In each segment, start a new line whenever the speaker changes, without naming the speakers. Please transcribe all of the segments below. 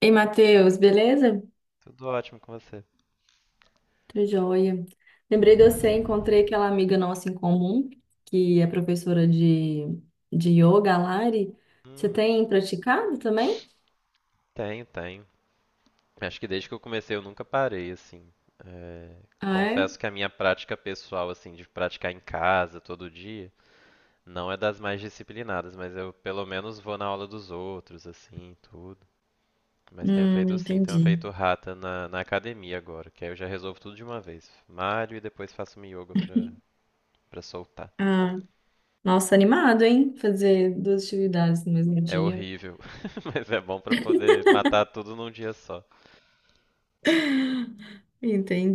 Ei, Matheus, beleza?
Tudo ótimo com você.
Tô joia. Lembrei de você, encontrei aquela amiga nossa em comum, que é professora de yoga, a Lari. Você
Hum,
tem praticado também?
tenho, tenho. Acho que desde que eu comecei eu nunca parei, assim. É,
Ah, é?
confesso que a minha prática pessoal, assim, de praticar em casa todo dia, não é das mais disciplinadas, mas eu pelo menos vou na aula dos outros, assim, tudo. Mas tenho feito sim, tenho
Entendi.
feito rata na academia agora, que aí eu já resolvo tudo de uma vez. Malho e depois faço um yoga pra soltar.
Ah, nossa, animado, hein? Fazer duas atividades no mesmo
É
dia.
horrível, mas é bom pra poder matar tudo num dia só.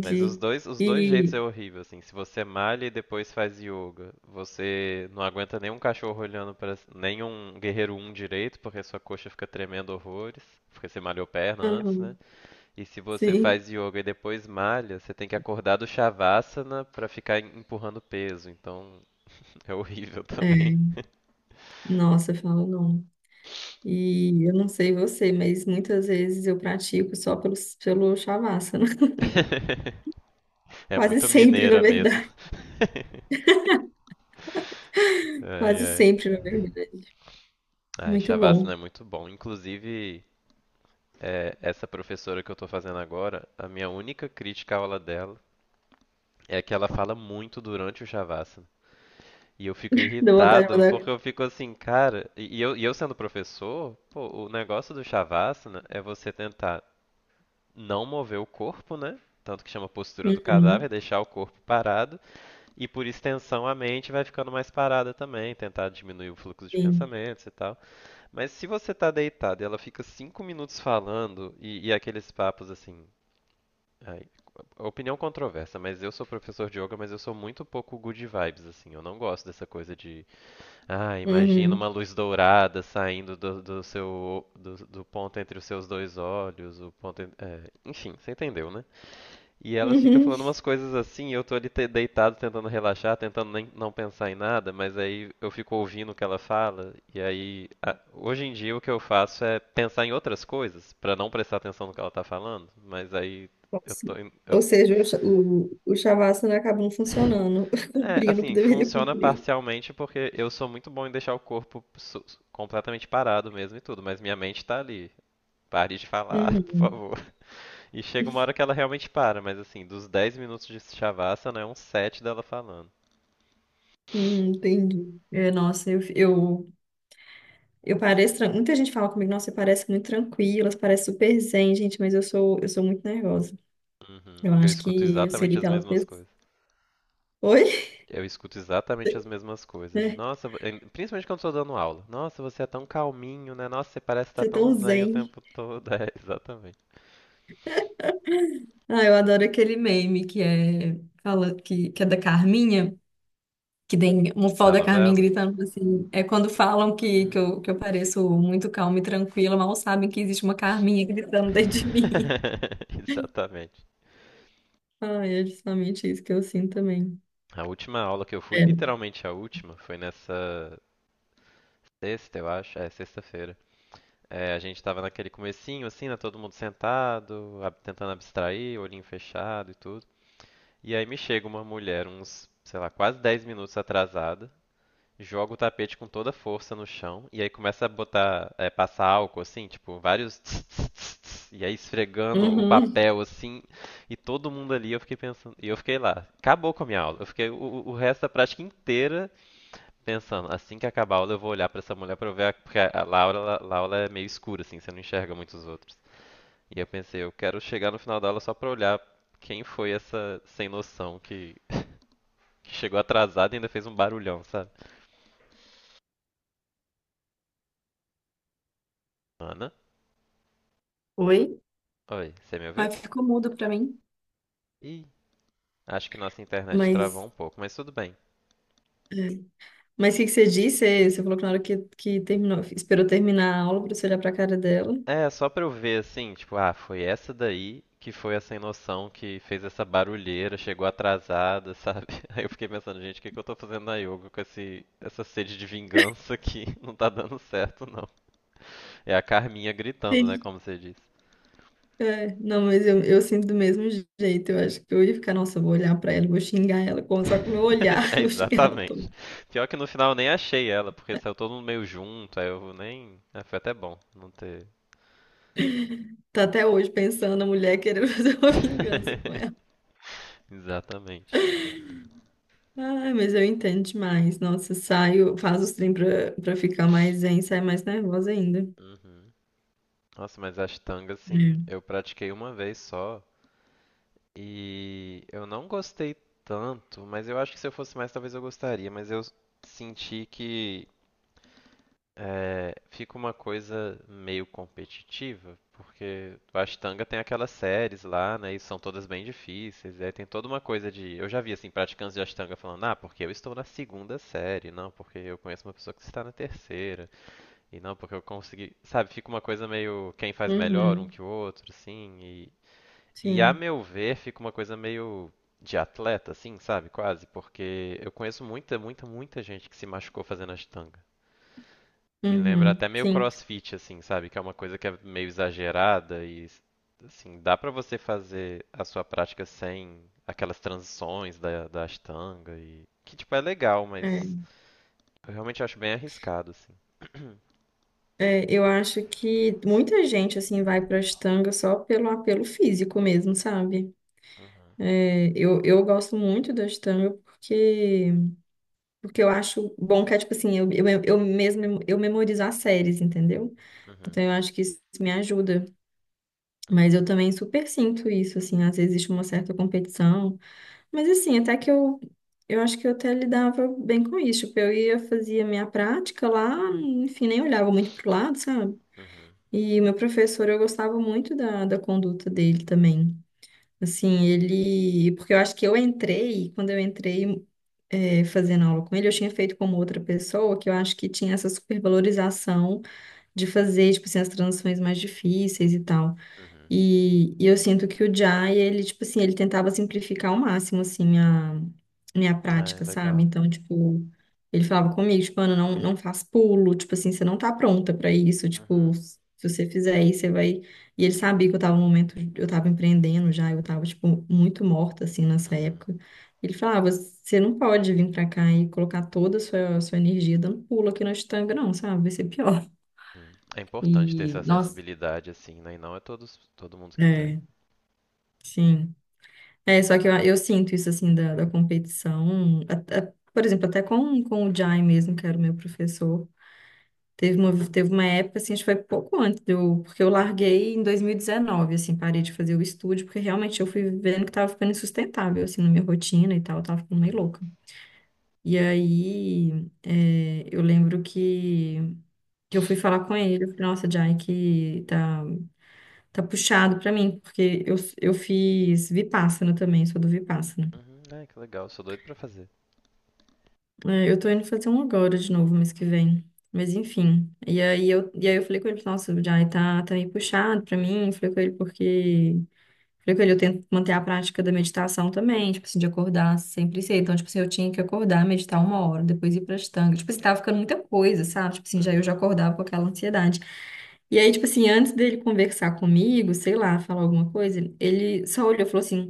Mas os dois, os dois jeitos
E,
é horrível, assim. Se você malha e depois faz yoga, você não aguenta nenhum cachorro olhando para nenhum guerreiro um direito, porque sua coxa fica tremendo horrores, porque você malhou perna antes, né?
aham,
E se você
sim.
faz yoga e depois malha, você tem que acordar do shavasana para ficar empurrando peso. Então, é horrível também.
É, nossa, fala não. E eu não sei você, mas muitas vezes eu pratico só pelo Shavasana.
É
Quase
muito
sempre, na
mineira mesmo.
verdade.
Ai,
Quase
ai.
sempre, na verdade.
Ai,
Muito
Shavasana
bom.
é muito bom. Inclusive, é, essa professora que eu tô fazendo agora, a minha única crítica à aula dela é que ela fala muito durante o Shavasana. E eu fico
Deu vontade de
irritado, porque
mandar.
eu fico assim, cara. E eu sendo professor, pô, o negócio do Shavasana é você tentar não mover o corpo, né? Tanto que chama postura do cadáver,
Uhum,
deixar o corpo parado. E por extensão, a mente vai ficando mais parada também, tentar diminuir o fluxo de
sim.
pensamentos e tal. Mas se você tá deitado e ela fica 5 minutos falando, e aqueles papos assim, ai, opinião controversa, mas eu sou professor de yoga, mas eu sou muito pouco good vibes, assim. Eu não gosto dessa coisa de, ah, imagina
Uhum,
uma luz dourada saindo do seu, do ponto entre os seus dois olhos, o ponto, é, enfim, você entendeu, né? E ela fica
uhum.
falando umas coisas assim, e eu tô ali deitado tentando relaxar, tentando nem, não pensar em nada, mas aí eu fico ouvindo o que ela fala, e aí, hoje em dia o que eu faço é pensar em outras coisas, pra não prestar atenção no que ela tá falando, mas aí eu
Nossa.
tô, eu.
Ou seja, o Shavasana acabou não funcionando,
É,
cumprindo o que
assim,
deveria
funciona
cumprir.
parcialmente porque eu sou muito bom em deixar o corpo completamente parado mesmo e tudo, mas minha mente tá ali. Pare de falar, por
Uhum,
favor. E chega uma hora que ela realmente para, mas assim, dos 10 minutos de Shavasana é uns sete dela falando.
uhum, entendi. É, nossa, eu pareço. Muita gente fala comigo, nossa, você parece muito tranquila, você parece super zen, gente, mas eu sou muito nervosa.
Uhum.
Eu
Eu
acho
escuto
que eu seria
exatamente as
aquela
mesmas
pessoa.
coisas.
Oi?
Eu escuto exatamente as mesmas coisas. De,
É,
nossa, principalmente quando eu tô dando aula. Nossa, você é tão calminho, né? Nossa, você parece estar
você é
tão
tão
zen o
zen.
tempo todo. É, exatamente.
Ah, eu adoro aquele meme que é da Carminha, que tem uma foto
Da
da Carminha
novela?
gritando assim. É quando falam que eu pareço muito calma e tranquila, mal sabem que existe uma Carminha gritando dentro de mim.
Exatamente.
Ai, é justamente isso que eu sinto também.
A última aula que eu fui,
É.
literalmente a última, foi nessa sexta, eu acho. É, sexta-feira. É, a gente tava naquele comecinho, assim, né? Todo mundo sentado, tentando abstrair, olhinho fechado e tudo. E aí me chega uma mulher, uns, sei lá, quase 10 minutos atrasada, joga o tapete com toda a força no chão e aí começa a botar, é, passar álcool assim, tipo, vários tss, tss, tss, tss, e aí esfregando o
Uhum.
papel assim, e todo mundo ali, eu fiquei pensando, e eu fiquei lá, acabou com a minha aula. Eu fiquei o resto da prática inteira pensando, assim que acabar a aula eu vou olhar pra essa mulher pra eu ver, a, porque a Laura, a aula é meio escura assim, você não enxerga muitos outros. E eu pensei, eu quero chegar no final da aula só pra olhar quem foi essa sem noção que chegou atrasada e ainda fez um barulhão, sabe? Ana,
Oi?
oi, você me ouviu?
Ai, ficou mudo pra mim.
Ih, acho que nossa internet travou
Mas,
um pouco, mas tudo bem.
mas o que que você disse? Você falou que na hora que terminou, esperou terminar a aula pra você olhar pra cara dela.
É, só pra eu ver assim, tipo, ah, foi essa daí que foi a sem noção que fez essa barulheira, chegou atrasada, sabe? Aí eu fiquei pensando, gente, o que que eu tô fazendo na yoga com essa sede de vingança aqui? Não tá dando certo, não. É a Carminha gritando, né, como você disse.
É, não, mas eu sinto do mesmo jeito. Eu acho que eu ia ficar, nossa, eu vou olhar pra ela, vou xingar ela, só com o meu olhar,
É,
eu vou xingar ela toda.
exatamente. Pior que no final eu nem achei ela, porque saiu todo mundo meio junto, aí eu nem. Ah, foi até bom não ter.
Tá até hoje pensando a mulher querendo fazer uma vingança com ela.
Exatamente.
Ai, mas eu entendo demais. Nossa, saio, faço os trem pra ficar mais zen, sai mais nervosa ainda.
Uhum. Nossa, mas ashtanga, assim,
É.
eu pratiquei uma vez só e eu não gostei tanto, mas eu acho que se eu fosse mais, talvez eu gostaria, mas eu senti que é, fica uma coisa meio competitiva, porque o ashtanga tem aquelas séries lá, né, e são todas bem difíceis, e aí tem toda uma coisa de... Eu já vi, assim, praticantes de ashtanga falando, ah, porque eu estou na segunda série, não, porque eu conheço uma pessoa que está na terceira. E não, porque eu consegui. Sabe, fica uma coisa meio quem faz melhor um
Uhum,
que o outro, assim. E a
sim.
meu ver, fica uma coisa meio de atleta, assim, sabe? Quase. Porque eu conheço muita, muita, muita gente que se machucou fazendo ashtanga. Me lembra
Uhum,
até meio
sim.
crossfit, assim, sabe? Que é uma coisa que é meio exagerada e, assim, dá pra você fazer a sua prática sem aquelas transições da ashtanga e. Que, tipo, é legal, mas
É.
eu realmente acho bem arriscado, assim.
É, eu acho que muita gente, assim, vai pra Ashtanga só pelo apelo físico mesmo, sabe?
Uhum,
É, eu gosto muito da Astanga porque, porque eu acho bom que é tipo assim, eu mesmo eu memorizo as séries, entendeu?
uhum,
Então eu acho que isso me ajuda. Mas
uhum,
eu também super sinto isso, assim, às vezes existe uma certa competição. Mas assim, eu acho que eu até lidava bem com isso. Tipo, eu ia, fazia minha prática lá, enfim, nem olhava muito pro lado, sabe?
uhum,
E o meu professor, eu gostava muito da conduta dele também. Assim, ele. Porque eu acho que eu entrei, quando eu entrei fazendo aula com ele, eu tinha feito como outra pessoa, que eu acho que tinha essa supervalorização de fazer, tipo assim, as transições mais difíceis e tal.
uhum.
E eu sinto que o Jai, ele, tipo assim, ele tentava simplificar ao máximo, assim, a
Hum,
minha
é,
prática, sabe?
legal.
Então, tipo, ele falava comigo, tipo, Ana, não faz pulo, tipo assim, você não tá pronta pra isso, tipo,
Uhum,
se você fizer isso, você vai... E ele sabia que eu tava no momento, eu tava empreendendo já, eu tava, tipo, muito morta, assim, nessa
uhum,
época. Ele falava, você não pode vir pra cá e colocar toda a sua energia dando pulo aqui na Estanga, não, sabe? Vai ser pior.
uhum. É importante ter
E,
essa
nossa,
sensibilidade, assim, né? E não é todos, todo mundo que tem.
é, sim. É, só que eu sinto isso, assim, da competição. Até- por exemplo, até com o Jai mesmo, que era o meu professor. Teve teve uma época, assim, acho que foi pouco antes, de eu, porque eu larguei em 2019, assim, parei de fazer o estúdio, porque realmente eu fui vendo que tava ficando insustentável, assim, na minha rotina e tal, eu tava ficando meio
Uhum.
louca. E aí, é, que eu fui falar com ele, eu falei, nossa, Jai, tá puxado pra mim, porque eu fiz Vipassana também, sou do Vipassana.
Uhum, ai, que legal, sou doido pra fazer.
É, eu tô indo fazer um agora de novo mês que vem. Mas enfim. E aí eu falei com ele, nossa, já aí tá meio puxado pra mim. Eu falei com ele porque. Falei com ele, eu tento manter a prática da meditação também, tipo assim, de acordar sempre cedo. Então, tipo assim, eu tinha que acordar, meditar uma hora, depois ir pra estanga. Tipo assim, tava ficando muita coisa, sabe? Tipo assim, já
Uhum,
acordava com aquela ansiedade. E aí, tipo assim, antes dele conversar comigo, sei lá, falar alguma coisa, ele só olhou e falou assim.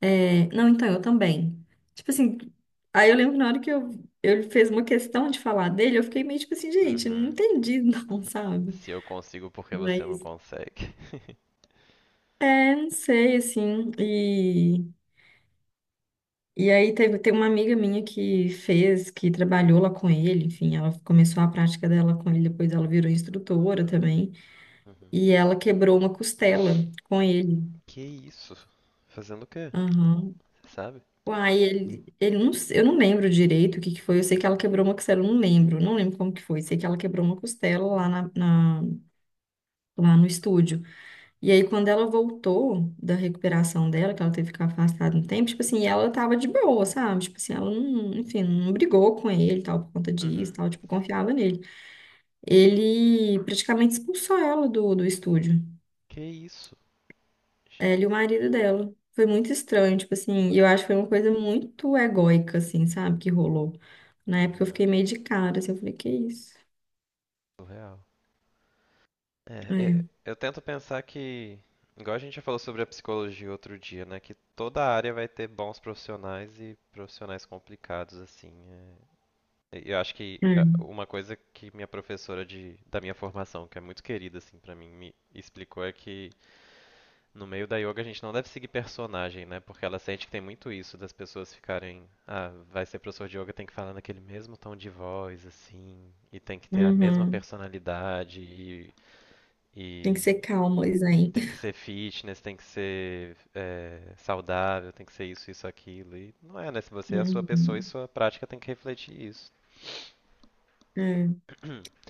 É, não, então, eu também. Tipo assim, aí eu lembro que na hora que eu, ele fez uma questão de falar dele, eu fiquei meio tipo assim, gente, não
uhum.
entendi não, sabe?
Se eu consigo, por que você não
Mas,
consegue?
é, não sei, assim, e aí teve, tem uma amiga minha que trabalhou lá com ele, enfim, ela começou a prática dela com ele, depois ela virou instrutora também,
Uhum.
e ela quebrou uma costela com ele.
Que isso? Fazendo o quê?
Aham.
Você sabe?
Uai, ele não, se- eu não lembro direito o que que foi. Eu sei que ela quebrou uma costela, eu não lembro, não lembro como que foi. Sei que ela quebrou uma costela lá, lá no estúdio. E aí, quando ela voltou da recuperação dela, que ela teve que ficar afastada um tempo, tipo assim, ela tava de boa, sabe? Tipo assim, ela não, enfim, não brigou com ele, e tal, por conta disso, e
Uhum.
tal, tipo, confiava nele. Ele praticamente expulsou ela do estúdio,
Que isso?
ela e o marido dela. Foi muito estranho, tipo assim, e eu acho que foi uma coisa muito egóica, assim, sabe, que rolou. Na época eu
Uhum.
fiquei meio de cara, assim, eu falei, que isso?
Surreal. É,
É,
é, eu tento pensar que, igual a gente já falou sobre a psicologia outro dia, né? Que toda área vai ter bons profissionais e profissionais complicados, assim. É. E eu acho que é,
É.
uma coisa que minha professora da minha formação, que é muito querida, assim, pra mim, me explicou é que no meio da yoga a gente não deve seguir personagem, né? Porque ela sente que tem muito isso das pessoas ficarem, ah, vai ser professor de yoga, tem que falar naquele mesmo tom de voz, assim, e tem que ter a mesma
Uhum.
personalidade e
Tem que
e
ser calmo, Isaim.
tem que ser fitness, tem que ser saudável, tem que ser isso, isso, aquilo. E não é, né? Se você é a sua pessoa e
Uhum.
sua prática tem que refletir isso.
É,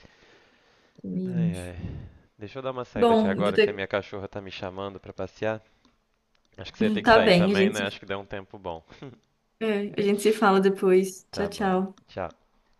também
Ai,
acho.
ai. Deixa eu dar uma saída aqui
Bom, eu vou
agora que a
ter...
minha cachorra tá me chamando pra passear. Acho que você ia ter que
Tá
sair
bem, a
também,
gente
né? Acho
se...
que deu um tempo bom.
é, a gente se fala depois.
Tá
Tchau,
bom.
tchau.
Tchau.